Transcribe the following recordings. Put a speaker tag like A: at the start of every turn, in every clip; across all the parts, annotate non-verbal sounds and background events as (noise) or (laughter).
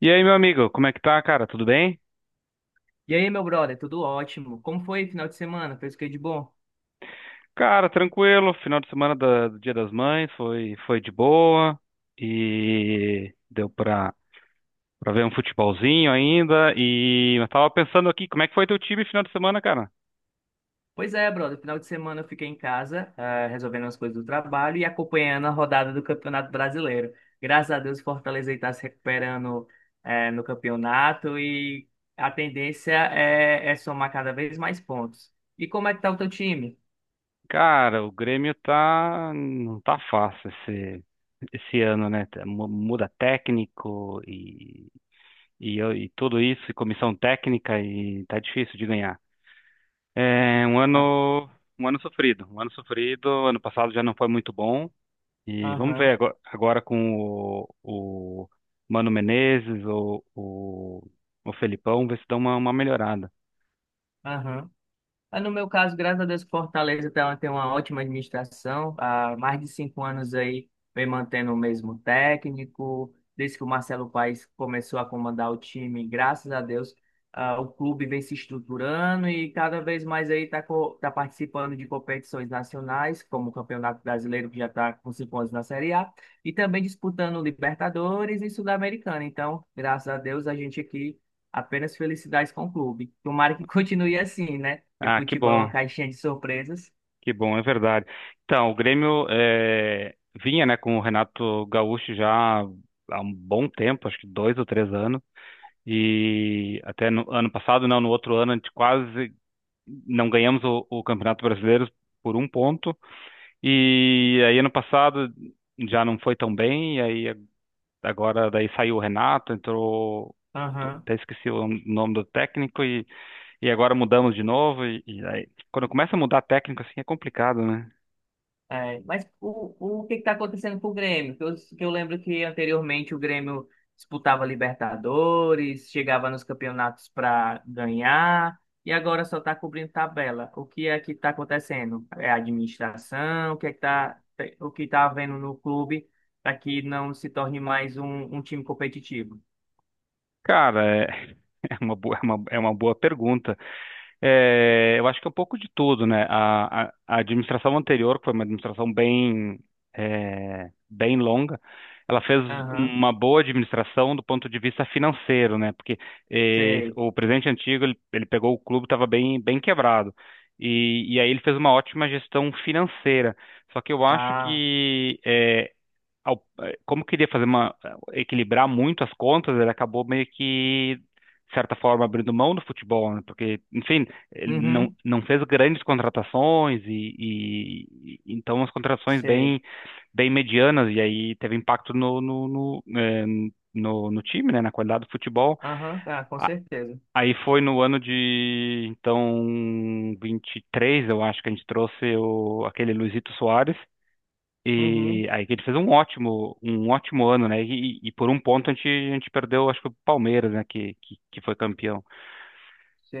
A: E aí, meu amigo, como é que tá, cara? Tudo bem?
B: E aí, meu brother, tudo ótimo? Como foi o final de semana? Fez o que de bom?
A: Cara, tranquilo. Final de semana do Dia das Mães foi de boa e pra ver um futebolzinho ainda. E eu tava pensando aqui, como é que foi teu time final de semana, cara?
B: Pois é, brother, final de semana eu fiquei em casa, resolvendo as coisas do trabalho e acompanhando a rodada do Campeonato Brasileiro. Graças a Deus, o Fortaleza está se recuperando, no campeonato e a tendência é somar cada vez mais pontos. E como é que tá o teu time?
A: Cara, o Grêmio não tá fácil esse ano, né? Muda técnico e, e tudo isso, e comissão técnica e tá difícil de ganhar. É um
B: Ah.
A: ano, Um ano sofrido. Um ano sofrido. Ano passado já não foi muito bom. E vamos
B: Aham,
A: ver agora, agora com o Mano Menezes, o Felipão, ver se dá uma melhorada.
B: aham. Mas no meu caso, graças a Deus, Fortaleza tem uma ótima administração. Há mais de 5 anos aí, vem mantendo o mesmo técnico. Desde que o Marcelo Paes começou a comandar o time, graças a Deus, o clube vem se estruturando e cada vez mais aí está participando de competições nacionais, como o Campeonato Brasileiro, que já está com 5 anos na Série A, e também disputando Libertadores e Sul-Americana. Então, graças a Deus, a gente aqui apenas felicidades com o clube. Tomara que (laughs) continue assim, né? Porque
A: Ah,
B: futebol é uma caixinha de surpresas.
A: que bom, é verdade. Então, vinha, né, com o Renato Gaúcho já há um bom tempo, acho que dois ou três anos. E até no ano passado, não, no outro ano, a gente quase não ganhamos o Campeonato Brasileiro por um ponto. E aí ano passado já não foi tão bem, e aí agora daí saiu o Renato, entrou,
B: Aham.
A: até esqueci o nome do técnico, e agora mudamos de novo, e aí quando começa a mudar técnico assim é complicado, né?
B: É, mas o que está acontecendo com o Grêmio? Que eu lembro que anteriormente o Grêmio disputava Libertadores, chegava nos campeonatos para ganhar, e agora só está cobrindo tabela. O que é que está acontecendo? É a administração? O que é que tá, o que está havendo no clube para que não se torne mais um time competitivo?
A: Cara, é, (laughs) é uma boa pergunta. É, eu acho que é um pouco de tudo, né? A administração anterior, que foi uma administração bem longa, ela fez
B: Aham,
A: uma boa administração do ponto de vista financeiro, né? Porque é,
B: sei.
A: o presidente antigo, ele pegou o clube, estava bem quebrado. E aí ele fez uma ótima gestão financeira. Só que eu acho
B: Ah.
A: que como queria fazer equilibrar muito as contas, ele acabou meio que de certa forma abrindo mão do futebol, né? Porque, enfim, ele não
B: Uhum,
A: não fez grandes contratações então as contratações
B: sei.
A: bem medianas e aí teve impacto no time, né? Na qualidade do futebol.
B: Aham, tá, com
A: A-
B: certeza.
A: Aí foi no ano de então 23, eu acho que a gente trouxe aquele Luizito Soares
B: Uhum,
A: e aí que ele fez um ótimo ano, né? E por um ponto a gente perdeu, acho que o Palmeiras, né? Que foi campeão.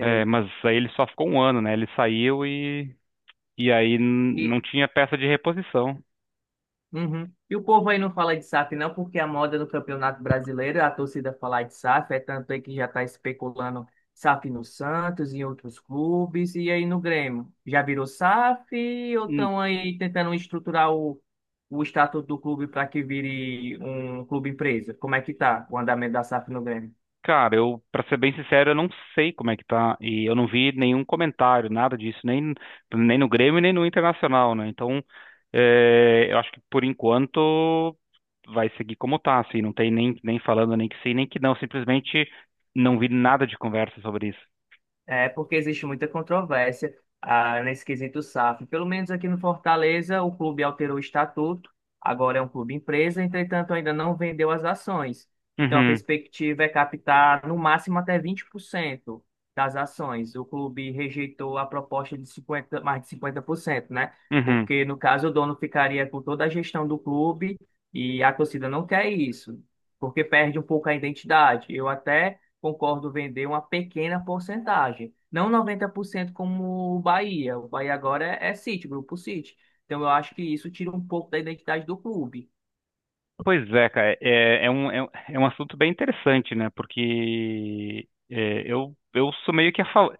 A: É, mas aí ele só ficou um ano, né? Ele saiu e aí
B: E,
A: não tinha peça de reposição.
B: uhum. E o povo aí não fala de SAF não, porque a moda no Campeonato Brasileiro, a torcida falar de SAF, é tanto aí que já está especulando SAF no Santos, em outros clubes, e aí no Grêmio. Já virou SAF ou estão aí tentando estruturar o estatuto do clube para que vire um clube empresa? Como é que tá o andamento da SAF no Grêmio?
A: Cara, eu, pra ser bem sincero, eu não sei como é que tá. E eu não vi nenhum comentário, nada disso, nem no Grêmio, nem no Internacional, né? Então, é, eu acho que por enquanto vai seguir como tá, assim. Não tem nem falando nem que sim, nem que não. Simplesmente não vi nada de conversa sobre isso.
B: É porque existe muita controvérsia nesse quesito SAF. Pelo menos aqui no Fortaleza, o clube alterou o estatuto, agora é um clube empresa, entretanto, ainda não vendeu as ações. Então, a
A: Uhum,
B: perspectiva é captar no máximo até 20% das ações. O clube rejeitou a proposta de 50, mais de 50%, né?
A: uhum.
B: Porque, no caso, o dono ficaria com toda a gestão do clube e a torcida não quer isso, porque perde um pouco a identidade. Eu até concordo vender uma pequena porcentagem, não 90% como o Bahia. O Bahia agora é City, Grupo City. Então eu acho que isso tira um pouco da identidade do clube.
A: Pois é, cara, é um assunto bem interessante, né? Porque é, eu sou meio que a favor.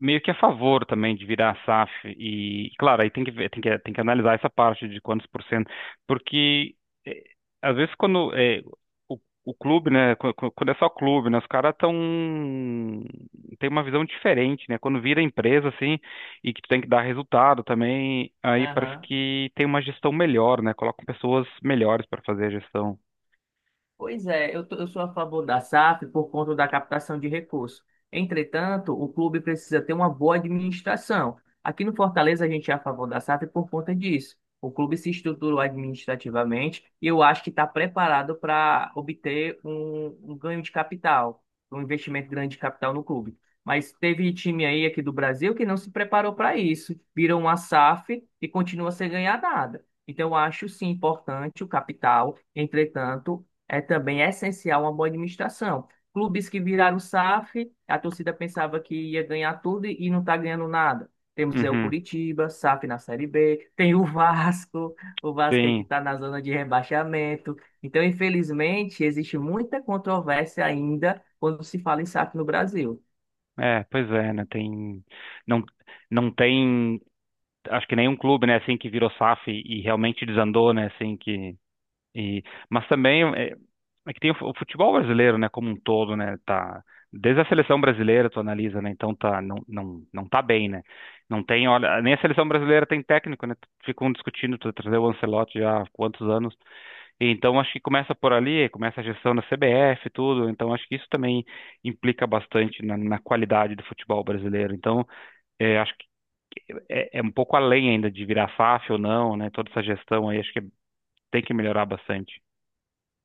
A: Meio que a favor também de virar a SAF e, claro, aí tem que ver, tem que analisar essa parte de quantos por cento, porque eh, às vezes quando o, o clube, né, quando é só clube, né, os caras tão tem uma visão diferente, né? Quando vira empresa assim e que tu tem que dar resultado também, aí parece
B: Aham.
A: que tem uma gestão melhor, né? Colocam pessoas melhores para fazer a gestão.
B: Pois é, eu sou a favor da SAF por conta da captação de recursos. Entretanto, o clube precisa ter uma boa administração. Aqui no Fortaleza, a gente é a favor da SAF por conta disso. O clube se estruturou administrativamente e eu acho que está preparado para obter um ganho de capital, um investimento grande de capital no clube. Mas teve time aí aqui do Brasil que não se preparou para isso, virou uma SAF e continua sem ganhar nada. Então, eu acho sim importante o capital. Entretanto, é também essencial uma boa administração. Clubes que viraram SAF, a torcida pensava que ia ganhar tudo e não está ganhando nada. Temos aí o
A: Uhum,
B: Curitiba, SAF na Série B, tem o Vasco. O Vasco é que
A: sim.
B: está na zona de rebaixamento. Então, infelizmente, existe muita controvérsia ainda quando se fala em SAF no Brasil.
A: É, pois é, né? Tem, não, não tem acho que nenhum clube, né, assim, que virou SAF e realmente desandou, né, assim, que... E, mas também é que tem o o futebol brasileiro, né, como um todo, né, tá... Desde a seleção brasileira tu analisa, né, então tá, não tá bem, né. Não tem, olha, nem a seleção brasileira tem técnico, né, ficam discutindo tu trazer o Ancelotti já há quantos anos. E, então acho que começa por ali, começa a gestão da CBF e tudo, então acho que isso também implica bastante na qualidade do futebol brasileiro. Então, é, acho é um pouco além ainda de virar FAF ou não, né? Toda essa gestão aí, acho que tem que melhorar bastante.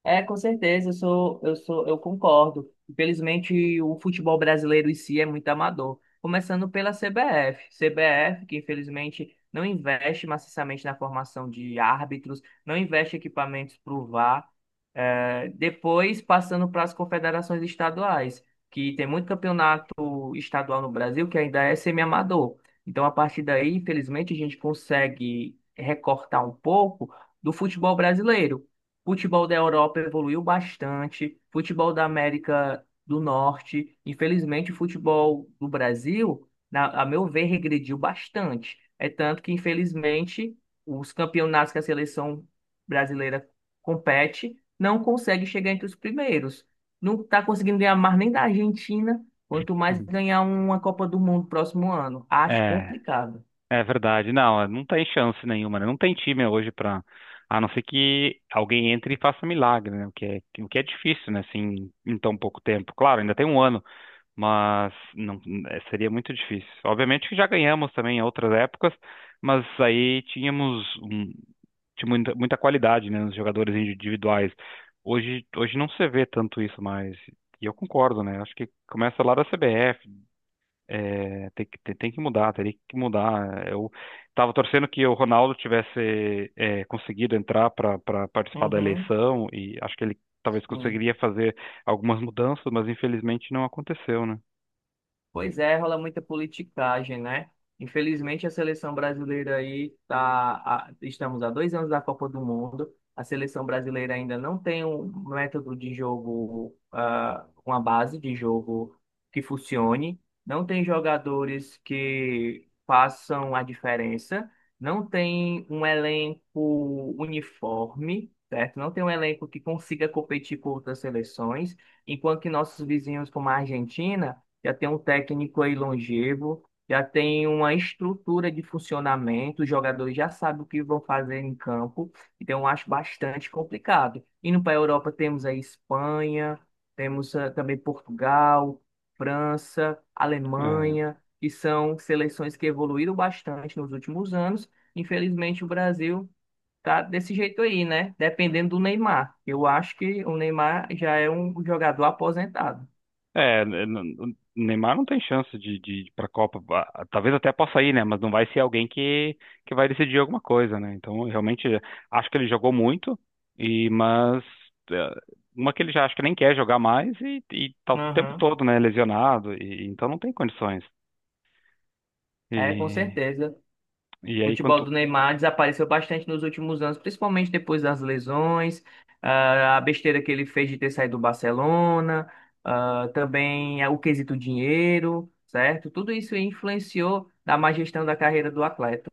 B: É, com certeza, eu concordo. Infelizmente, o futebol brasileiro em si é muito amador. Começando pela CBF, que infelizmente não investe maciçamente na formação de árbitros, não investe equipamentos para o VAR. É, depois, passando para as confederações estaduais, que tem muito campeonato estadual no Brasil que ainda é semi-amador. Então, a partir daí, infelizmente, a gente consegue recortar um pouco do futebol brasileiro. Futebol da Europa evoluiu bastante, futebol da América do Norte, infelizmente o futebol do Brasil, a meu ver, regrediu bastante. É tanto que, infelizmente, os campeonatos que a seleção brasileira compete não consegue chegar entre os primeiros. Não está conseguindo ganhar mais nem da Argentina, quanto mais
A: Uhum.
B: ganhar uma Copa do Mundo próximo ano. Acho
A: É,
B: complicado.
A: é verdade. Não, é, não tem chance nenhuma, né? Não tem time hoje para, a não ser que alguém entre e faça milagre, né? O que é difícil, né? Assim, em tão pouco tempo. Claro, ainda tem um ano, mas não, é, seria muito difícil. Obviamente que já ganhamos também em outras épocas, mas aí tinha muita qualidade, né, nos jogadores individuais. Hoje não se vê tanto isso mais. E eu concordo, né? Acho que começa lá da CBF, é, tem que mudar, teria que mudar. Eu estava torcendo que o Ronaldo tivesse é, conseguido entrar para participar da
B: Uhum,
A: eleição e acho que ele talvez
B: sim.
A: conseguiria fazer algumas mudanças, mas infelizmente não aconteceu, né?
B: Pois é, rola muita politicagem, né? Infelizmente, a seleção brasileira aí tá, estamos há 2 anos da Copa do Mundo. A seleção brasileira ainda não tem um método de jogo, uma base de jogo que funcione. Não tem jogadores que façam a diferença. Não tem um elenco uniforme, certo? Não tem um elenco que consiga competir com outras seleções. Enquanto que nossos vizinhos, como a Argentina já tem um técnico aí longevo, já tem uma estrutura de funcionamento, os jogadores já sabem o que vão fazer em campo, então eu acho bastante complicado. Indo para a Europa, temos a Espanha, temos também Portugal, França,
A: É,
B: Alemanha, que são seleções que evoluíram bastante nos últimos anos. Infelizmente, o Brasil tá desse jeito aí, né? Dependendo do Neymar. Eu acho que o Neymar já é um jogador aposentado.
A: é, n- n- Neymar não tem chance de ir para a Copa. Ah, talvez até possa ir, né? Mas não vai ser alguém que vai decidir alguma coisa, né? Então, eu realmente acho que ele jogou muito, e mas é, uma que ele já acho que nem quer jogar mais e tá o tempo
B: Aham.
A: todo, né? Lesionado, e, então não tem condições.
B: É, com
A: E,
B: certeza.
A: e
B: O
A: aí
B: futebol
A: quanto.
B: do Neymar desapareceu bastante nos últimos anos, principalmente depois das lesões, a besteira que ele fez de ter saído do Barcelona, também o quesito dinheiro, certo? Tudo isso influenciou na má gestão da carreira do atleta,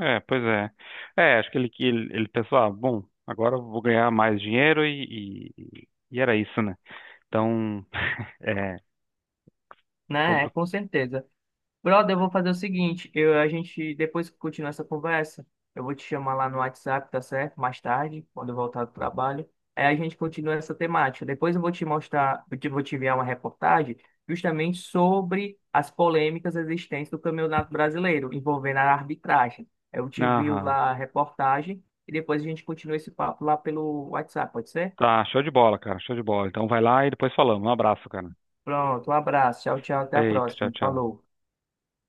A: É, pois é. É, acho ele pensou, ah, bom, agora eu vou ganhar mais dinheiro e era isso, né? Então, (laughs) é.
B: né? É, com certeza. Brother, eu vou fazer o seguinte, a gente, depois que continuar essa conversa, eu vou te chamar lá no WhatsApp, tá certo? Mais tarde, quando eu voltar do trabalho. Aí a gente continua essa temática. Depois eu vou te mostrar, vou te enviar uma reportagem justamente sobre as polêmicas existentes do Campeonato Brasileiro, envolvendo a arbitragem. Eu te envio
A: Aham.
B: lá a reportagem e depois a gente continua esse papo lá pelo WhatsApp, pode ser?
A: Tá, show de bola, cara. Show de bola. Então vai lá e depois falamos. Um abraço, cara.
B: Pronto, um abraço, tchau, tchau, até a
A: Eita, tchau,
B: próxima.
A: tchau.
B: Falou.